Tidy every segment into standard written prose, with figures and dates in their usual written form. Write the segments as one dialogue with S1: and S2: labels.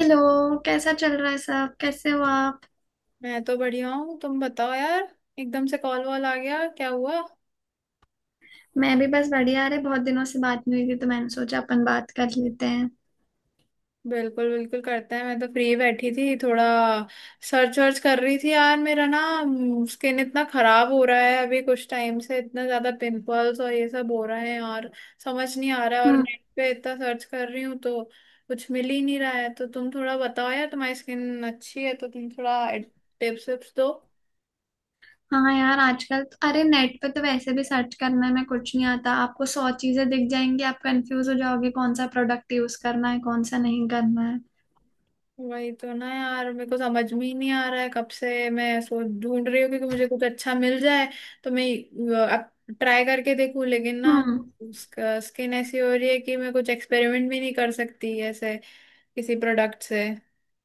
S1: Hello. कैसा चल रहा है, सब कैसे हो आप?
S2: मैं तो बढ़िया हूँ तुम बताओ यार। एकदम से कॉल वॉल आ गया क्या हुआ।
S1: मैं भी बस बढ़िया। अरे बहुत दिनों से बात नहीं हुई थी तो मैंने सोचा अपन बात कर लेते हैं।
S2: बिल्कुल बिल्कुल करते हैं मैं तो फ्री बैठी थी थोड़ा सर्च वर्च कर रही थी यार मेरा ना। स्किन इतना खराब हो रहा है अभी कुछ टाइम से इतना ज्यादा पिंपल्स और ये सब हो रहे हैं और समझ नहीं आ रहा है और
S1: हम्म।
S2: नेट पे इतना सर्च कर रही हूँ तो कुछ मिल ही नहीं रहा है। तो तुम थोड़ा बताओ यार तुम्हारी स्किन अच्छी है तो तुम थोड़ा टिप्स विप्स दो।
S1: हाँ यार, आजकल तो, अरे नेट पे तो वैसे भी सर्च करने में कुछ नहीं आता, आपको सौ चीजें दिख जाएंगी, आप कंफ्यूज हो जाओगे कौन सा प्रोडक्ट यूज करना है कौन सा नहीं करना है।
S2: वही तो ना यार मेरे को समझ में ही नहीं आ रहा है कब से मैं सोच ढूंढ रही हूँ कि मुझे कुछ अच्छा मिल जाए तो मैं अब ट्राई करके देखूँ लेकिन ना।
S1: हम्म।
S2: उसका स्किन ऐसी हो रही है कि मैं कुछ एक्सपेरिमेंट भी नहीं कर सकती ऐसे किसी प्रोडक्ट से।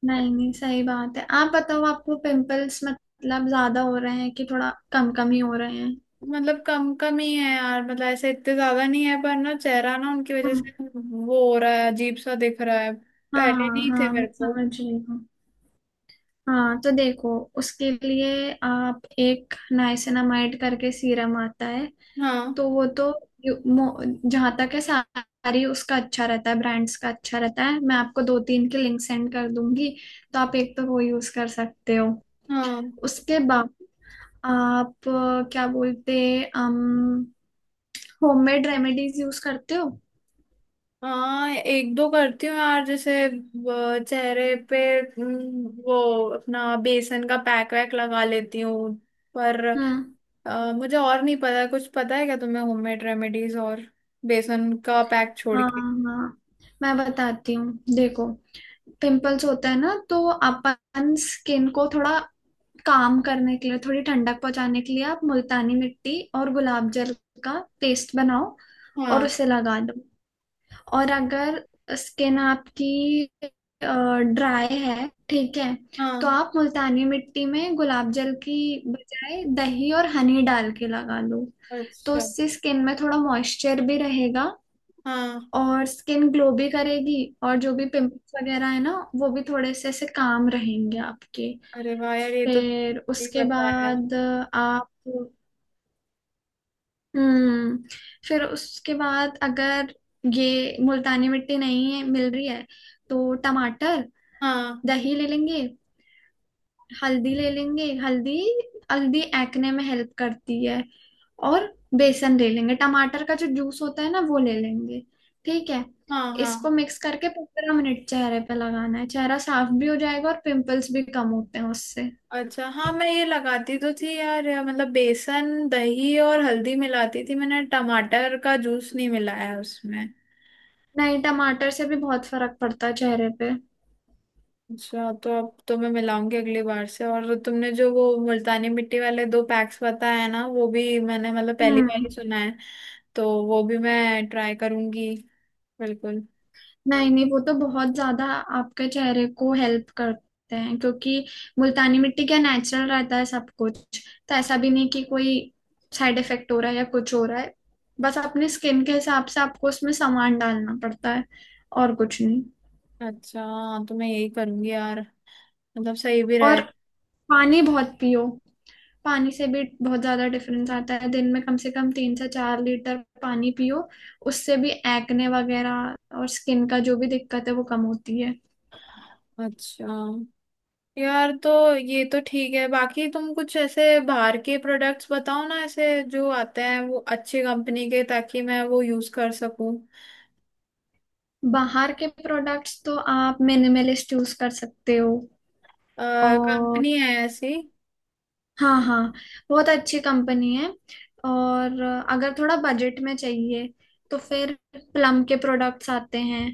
S1: नहीं नहीं, सही बात है। आप बताओ, आपको पिंपल्स मतलब ज्यादा हो रहे हैं कि थोड़ा कम कम ही हो रहे हैं?
S2: मतलब कम कम ही है यार मतलब ऐसे इतने ज्यादा नहीं है पर ना चेहरा ना उनकी वजह
S1: हम्म,
S2: से वो हो रहा है अजीब सा दिख रहा है। पहले
S1: हाँ
S2: नहीं थे
S1: हाँ,
S2: मेरे
S1: मैं
S2: को।
S1: समझ रही हूँ। हाँ तो देखो, उसके लिए आप एक नाइसिनामाइड करके सीरम आता है,
S2: हाँ,
S1: तो वो तो यू- मो- जहाँ तक है सारी उसका अच्छा रहता है, ब्रांड्स का अच्छा रहता है। मैं आपको दो तीन के लिंक सेंड कर दूंगी, तो आप एक तो वो यूज कर सकते हो।
S2: हाँ,
S1: उसके बाद आप अ, क्या बोलते अम होममेड रेमेडीज यूज करते हो?
S2: हाँ, एक दो करती हूँ यार जैसे वो चेहरे पे। वो अपना बेसन का पैक वैक लगा लेती हूँ पर
S1: हम्म।
S2: मुझे और नहीं पता कुछ पता है क्या तुम्हें होममेड रेमेडीज और बेसन का पैक छोड़
S1: हाँ
S2: के।
S1: हाँ, मैं बताती हूँ, देखो, पिंपल्स होता है ना तो अपन स्किन को थोड़ा काम करने के लिए, थोड़ी ठंडक पहुंचाने के लिए, आप मुल्तानी मिट्टी और गुलाब जल का पेस्ट बनाओ और
S2: हाँ,
S1: उसे लगा दो। और अगर स्किन आपकी ड्राई है, ठीक है, तो
S2: हाँ।
S1: आप मुल्तानी मिट्टी में गुलाब जल की बजाय दही और हनी डाल के लगा दो। तो
S2: अच्छा
S1: उससे स्किन में थोड़ा मॉइस्चर भी रहेगा
S2: हाँ।
S1: और स्किन ग्लो भी करेगी, और जो भी पिंपल्स वगैरह है ना वो भी थोड़े से ऐसे काम रहेंगे आपके।
S2: अरे वाह यार ये तो
S1: फिर
S2: ये
S1: उसके
S2: बताया।
S1: बाद आप, हम्म, फिर उसके बाद अगर ये मुल्तानी मिट्टी नहीं है मिल रही है, तो टमाटर,
S2: हाँ,
S1: दही ले लेंगे, हल्दी ले लेंगे, हल्दी, हल्दी एक्ने में हेल्प करती है, और बेसन ले लेंगे, टमाटर का जो जूस होता है ना वो ले लेंगे, ठीक है।
S2: हाँ,
S1: इसको
S2: हाँ।
S1: मिक्स करके 15 मिनट चेहरे पे लगाना है, चेहरा साफ भी हो जाएगा और पिंपल्स भी कम होते हैं उससे।
S2: अच्छा हाँ, मैं ये लगाती तो थी यार या मतलब बेसन दही और हल्दी मिलाती थी मैंने टमाटर का जूस नहीं मिलाया उसमें।
S1: नहीं, टमाटर से भी बहुत फर्क पड़ता है चेहरे पे।
S2: अच्छा तो अब तो मैं मिलाऊंगी अगली बार से और तुमने जो वो मुल्तानी मिट्टी वाले दो पैक्स बताया है ना वो भी मैंने मतलब पहली बार
S1: हम्म।
S2: ही सुना है तो वो भी मैं ट्राई करूंगी। बिल्कुल।
S1: नहीं नहीं, वो तो बहुत ज्यादा आपके चेहरे को हेल्प करते हैं, क्योंकि मुल्तानी मिट्टी क्या, नेचुरल रहता है सब कुछ, तो ऐसा भी नहीं कि कोई साइड इफेक्ट हो रहा है या कुछ हो रहा है, बस अपनी स्किन के हिसाब से आपको उसमें सामान डालना पड़ता है और कुछ नहीं।
S2: अच्छा हाँ, तो मैं यही करूंगी यार मतलब सही भी
S1: और
S2: रहे।
S1: पानी बहुत पियो, पानी से भी बहुत ज्यादा डिफरेंस आता है। दिन में कम से कम 3 से 4 लीटर पानी पियो, उससे भी एक्ने वगैरह और स्किन का जो भी दिक्कत है वो कम होती है।
S2: अच्छा यार तो ये तो ठीक है बाकी तुम कुछ ऐसे बाहर के प्रोडक्ट्स बताओ ना ऐसे जो आते हैं वो अच्छी कंपनी के ताकि मैं वो यूज कर सकूं।
S1: बाहर के प्रोडक्ट्स तो आप मिनिमलिस्ट यूज कर सकते हो। और
S2: कंपनी है ऐसी।
S1: हाँ हाँ, बहुत अच्छी कंपनी है। और अगर थोड़ा बजट में चाहिए तो फिर प्लम के प्रोडक्ट्स आते हैं,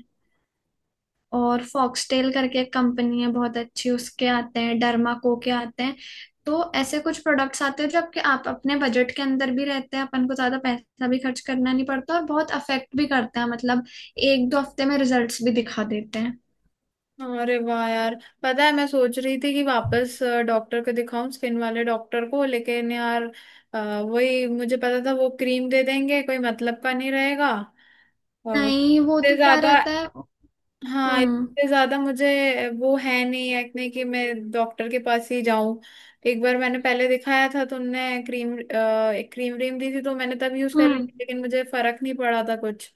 S1: और फॉक्सटेल करके एक कंपनी है बहुत अच्छी उसके आते हैं, डर्मा को के आते हैं। तो ऐसे कुछ प्रोडक्ट्स आते हैं जो आपके, आप अपने बजट के अंदर भी रहते हैं, अपन को ज्यादा पैसा भी खर्च करना नहीं पड़ता और बहुत अफेक्ट भी करते हैं, मतलब 1 2 हफ्ते में रिजल्ट्स भी दिखा देते हैं।
S2: अरे वाह यार पता है मैं सोच रही थी कि वापस डॉक्टर को दिखाऊं स्किन वाले डॉक्टर को लेकिन यार अ, वही मुझे पता था वो क्रीम दे देंगे कोई मतलब का नहीं रहेगा
S1: नहीं, वो
S2: इतने
S1: तो क्या
S2: ज्यादा।
S1: रहता है।
S2: हाँ
S1: हम्म।
S2: इतने ज्यादा मुझे वो है नहीं है इतने कि मैं डॉक्टर के पास ही जाऊं। एक बार मैंने पहले दिखाया था तो उनने क्रीम एक क्रीम व्रीम दी थी तो मैंने तब यूज कर ली
S1: हम्म।
S2: थी लेकिन मुझे फर्क नहीं पड़ा था कुछ।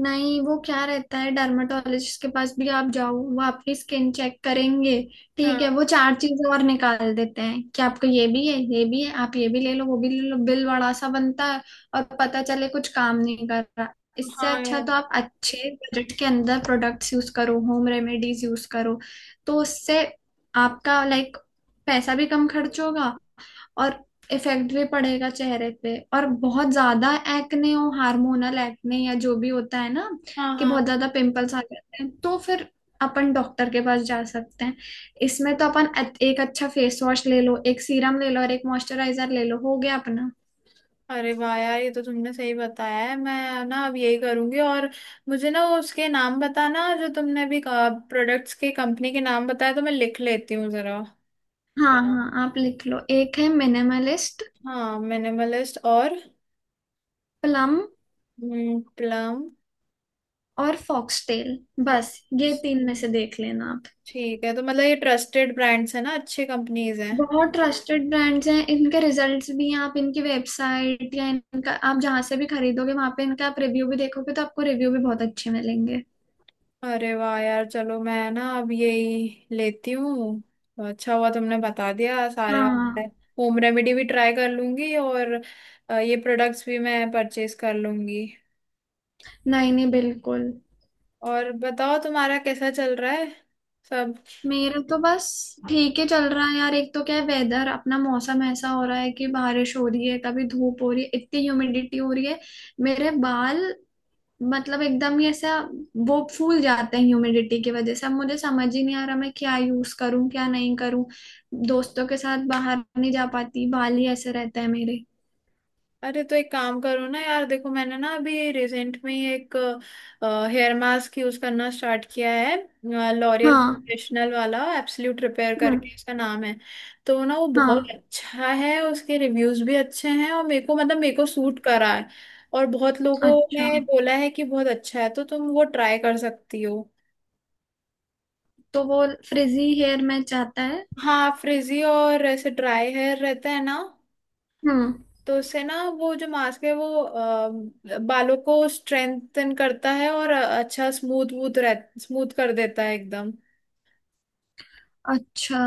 S1: नहीं, वो क्या रहता है, डर्मेटोलॉजिस्ट के पास भी आप जाओ, वो आपकी स्किन चेक करेंगे, ठीक है,
S2: हाँ,
S1: वो चार चीजें और निकाल देते हैं कि आपको ये भी है ये भी है, आप ये भी ले लो वो भी ले लो, बिल बड़ा सा बनता है और पता चले कुछ काम नहीं कर रहा। इससे
S2: हाँ
S1: अच्छा
S2: यार।
S1: तो आप अच्छे बजट के अंदर प्रोडक्ट्स यूज करो, होम रेमेडीज यूज करो, तो उससे आपका, लाइक, पैसा भी कम खर्च होगा और इफेक्ट भी पड़ेगा चेहरे पे। और बहुत ज्यादा एक्ने हो, हार्मोनल एक्ने या जो भी होता है ना,
S2: हाँ,
S1: कि बहुत
S2: हाँ।
S1: ज्यादा पिंपल्स आ जाते हैं, तो फिर अपन डॉक्टर के पास जा सकते हैं। इसमें तो अपन एक अच्छा फेस वॉश ले लो, एक सीरम ले लो और एक मॉइस्चराइजर ले लो, हो गया अपना।
S2: अरे वाह यार ये तो तुमने सही बताया है मैं ना अब यही करूंगी और मुझे ना वो उसके नाम बताना जो तुमने अभी प्रोडक्ट्स के कंपनी के नाम बताया तो मैं लिख लेती हूँ जरा।
S1: हाँ हाँ, आप लिख लो, एक है मिनिमलिस्ट,
S2: हाँ मिनिमलिस्ट और
S1: प्लम
S2: प्लम।
S1: और फॉक्सटेल, बस ये तीन में से देख लेना।
S2: ठीक है तो मतलब ये ट्रस्टेड ब्रांड्स है ना अच्छी कंपनीज हैं।
S1: बहुत ट्रस्टेड ब्रांड्स हैं, इनके रिजल्ट्स भी हैं, आप इनकी वेबसाइट या इनका आप जहाँ से भी खरीदोगे वहां पे इनका आप रिव्यू भी देखोगे तो आपको रिव्यू भी बहुत अच्छे मिलेंगे।
S2: अरे वाह यार चलो मैं ना अब यही लेती हूँ तो अच्छा हुआ तुमने बता दिया सारा।
S1: हाँ।
S2: होम रेमेडी भी ट्राई कर लूंगी और ये प्रोडक्ट्स भी मैं परचेज कर लूंगी।
S1: नहीं नहीं, बिल्कुल।
S2: और बताओ तुम्हारा कैसा चल रहा है सब।
S1: मेरा तो बस ठीक ही चल रहा है यार। एक तो क्या है, वेदर अपना, मौसम ऐसा हो रहा है कि बारिश हो रही है, कभी धूप हो रही है, इतनी ह्यूमिडिटी हो रही है। मेरे बाल, मतलब एकदम ही ऐसा वो फूल जाते हैं ह्यूमिडिटी की वजह से, अब मुझे समझ ही नहीं आ रहा मैं क्या यूज करूं क्या नहीं करूं। दोस्तों के साथ बाहर नहीं जा पाती, बाल ही ऐसे रहते हैं मेरे।
S2: अरे तो एक काम करो ना यार देखो मैंने ना अभी रिसेंट में ही एक हेयर मास्क यूज करना स्टार्ट किया है। लॉरियल
S1: हाँ।
S2: प्रोफेशनल वाला एब्सोल्यूट रिपेयर
S1: हम्म।
S2: करके इसका नाम है। तो ना वो बहुत
S1: हाँ।
S2: अच्छा है उसके रिव्यूज भी अच्छे हैं और मेरे को सूट करा है और बहुत लोगों
S1: अच्छा,
S2: ने बोला है कि बहुत अच्छा है तो तुम वो ट्राई कर सकती हो।
S1: तो वो फ्रिजी हेयर में चाहता है?
S2: हाँ फ्रिजी और ऐसे ड्राई हेयर रहता है ना।
S1: हम्म।
S2: तो उससे ना वो जो मास्क है वो बालों को स्ट्रेंथन करता है और अच्छा स्मूथ वूथ रह स्मूथ कर देता है एकदम।
S1: अच्छा,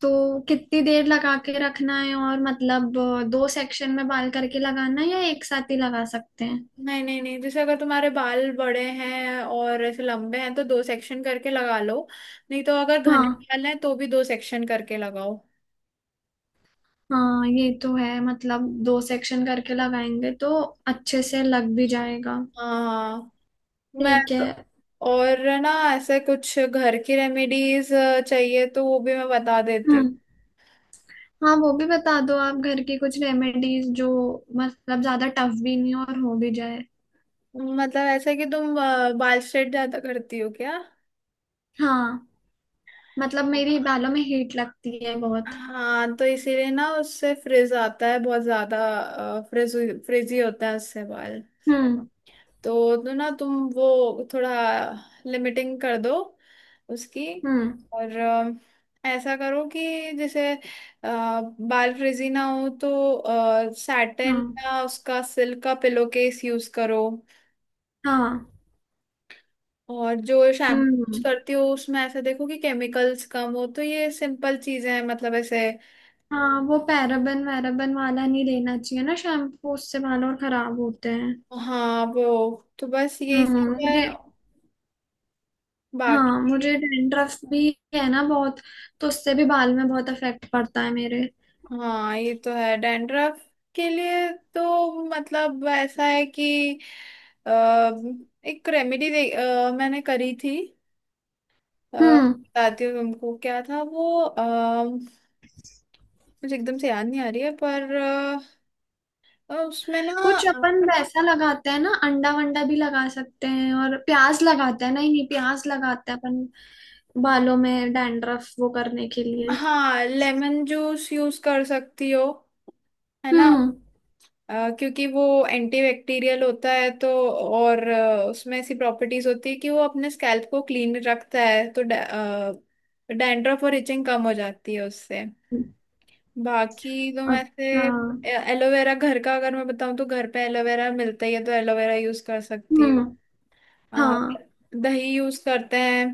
S1: तो कितनी देर लगा के रखना है, और मतलब दो सेक्शन में बाल करके लगाना है या एक साथ ही लगा सकते हैं?
S2: नहीं, नहीं, नहीं, जैसे अगर तुम्हारे बाल बड़े हैं और ऐसे लंबे हैं तो दो सेक्शन करके लगा लो नहीं तो अगर घने
S1: हाँ
S2: बाल हैं तो भी दो सेक्शन करके लगाओ।
S1: हाँ, ये तो है, मतलब दो सेक्शन करके लगाएंगे तो अच्छे से लग भी जाएगा।
S2: हाँ मैं
S1: ठीक है।
S2: तो और ना ऐसे कुछ घर की रेमेडीज चाहिए तो वो भी मैं बता देती
S1: हम्म। हाँ वो भी बता दो, आप घर की कुछ रेमेडीज जो मतलब ज्यादा टफ भी नहीं और हो भी जाए।
S2: हूँ। मतलब ऐसा कि तुम बाल स्ट्रेट ज्यादा करती हो क्या।
S1: हाँ, मतलब मेरी बालों में हीट लगती है बहुत।
S2: हाँ तो इसीलिए ना उससे फ्रिज आता है बहुत ज्यादा। फ्रिज फ्रिजी होता है उससे बाल।
S1: हम्म।
S2: तो ना तुम वो थोड़ा लिमिटिंग कर दो उसकी।
S1: हम्म।
S2: और ऐसा करो कि जैसे बाल फ्रिजी ना हो तो सैटिन
S1: हाँ
S2: या उसका सिल्क का पिलो केस यूज करो।
S1: हाँ।
S2: और जो शैम्पू
S1: हम्म।
S2: करती हो उसमें ऐसा देखो कि केमिकल्स कम हो तो ये सिंपल चीजें हैं मतलब ऐसे।
S1: हाँ वो पैराबन वैराबन वाला नहीं लेना चाहिए ना शैम्पू, उससे बाल और खराब होते हैं।
S2: हाँ वो तो बस यही
S1: हम्म,
S2: सब है
S1: मुझे, हाँ
S2: बाकी।
S1: मुझे डैंड्रफ भी है ना बहुत, तो उससे भी बाल में बहुत इफेक्ट पड़ता है मेरे।
S2: हाँ ये तो है डैंड्रफ के लिए। तो मतलब ऐसा है कि अ, एक रेमेडी दे मैंने करी थी
S1: हम्म,
S2: बताती हूँ तुमको क्या था वो मुझे एकदम से याद नहीं आ रही है पर उसमें ना।
S1: कुछ अपन वैसा लगाते हैं ना, अंडा वंडा भी लगा सकते हैं, और प्याज लगाते हैं, नहीं नहीं, प्याज लगाते हैं अपन बालों में डैंड्रफ वो करने के लिए।
S2: हाँ लेमन जूस यूज कर सकती हो है ना।
S1: हम्म।
S2: क्योंकि वो एंटीबैक्टीरियल होता है तो और उसमें ऐसी प्रॉपर्टीज होती है कि वो अपने स्कैल्प को क्लीन रखता है तो डैंड्रफ और इचिंग कम हो जाती है उससे। बाकी तो मैं से
S1: अच्छा।
S2: एलोवेरा घर का अगर मैं बताऊं तो घर पे एलोवेरा मिलता ही है तो एलोवेरा यूज कर सकती हूँ।
S1: हम्म।
S2: अ,
S1: हाँ
S2: दही यूज करते हैं।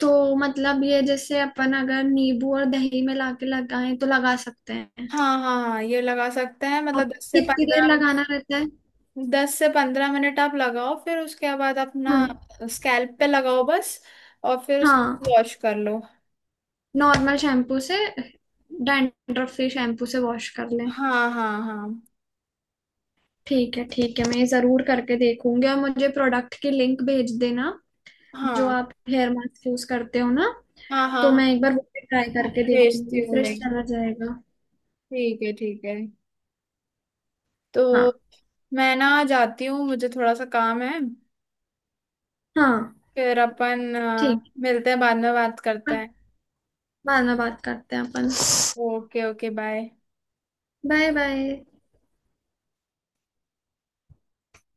S1: तो मतलब ये जैसे अपन अगर नींबू और दही में लाके लगाएं तो लगा सकते हैं,
S2: हाँ, हाँ, हाँ, ये लगा सकते हैं
S1: और
S2: मतलब दस से
S1: कितनी देर
S2: पंद्रह
S1: लगाना रहता है?
S2: 10 से 15 मिनट आप लगाओ फिर उसके बाद अपना
S1: हम्म।
S2: स्कैल्प पे लगाओ बस। और फिर
S1: हाँ,
S2: उसको वॉश कर लो।
S1: नॉर्मल शैम्पू से, डैंड्रफ फ्री शैम्पू से वॉश कर लें।
S2: हाँ, हाँ, हाँ,
S1: ठीक है ठीक है, मैं ये जरूर करके देखूंगी। और मुझे प्रोडक्ट की लिंक भेज देना, जो
S2: हाँ,
S1: आप हेयर मास्क यूज करते हो ना,
S2: हाँ, हाँ,
S1: तो
S2: हाँ,
S1: मैं एक बार वो भी ट्राई करके देखूंगी,
S2: भेजती हूँ
S1: फ्रेश
S2: लिंक।
S1: चला जाएगा।
S2: ठीक है, ठीक है।
S1: हाँ।
S2: तो मैं ना जाती हूँ मुझे थोड़ा सा काम है।
S1: हाँ
S2: फिर अपन
S1: ठीक
S2: मिलते हैं बाद में बात करते
S1: है,
S2: हैं।
S1: बाद में बात करते हैं अपन।
S2: Okay, okay, bye.
S1: Bye bye.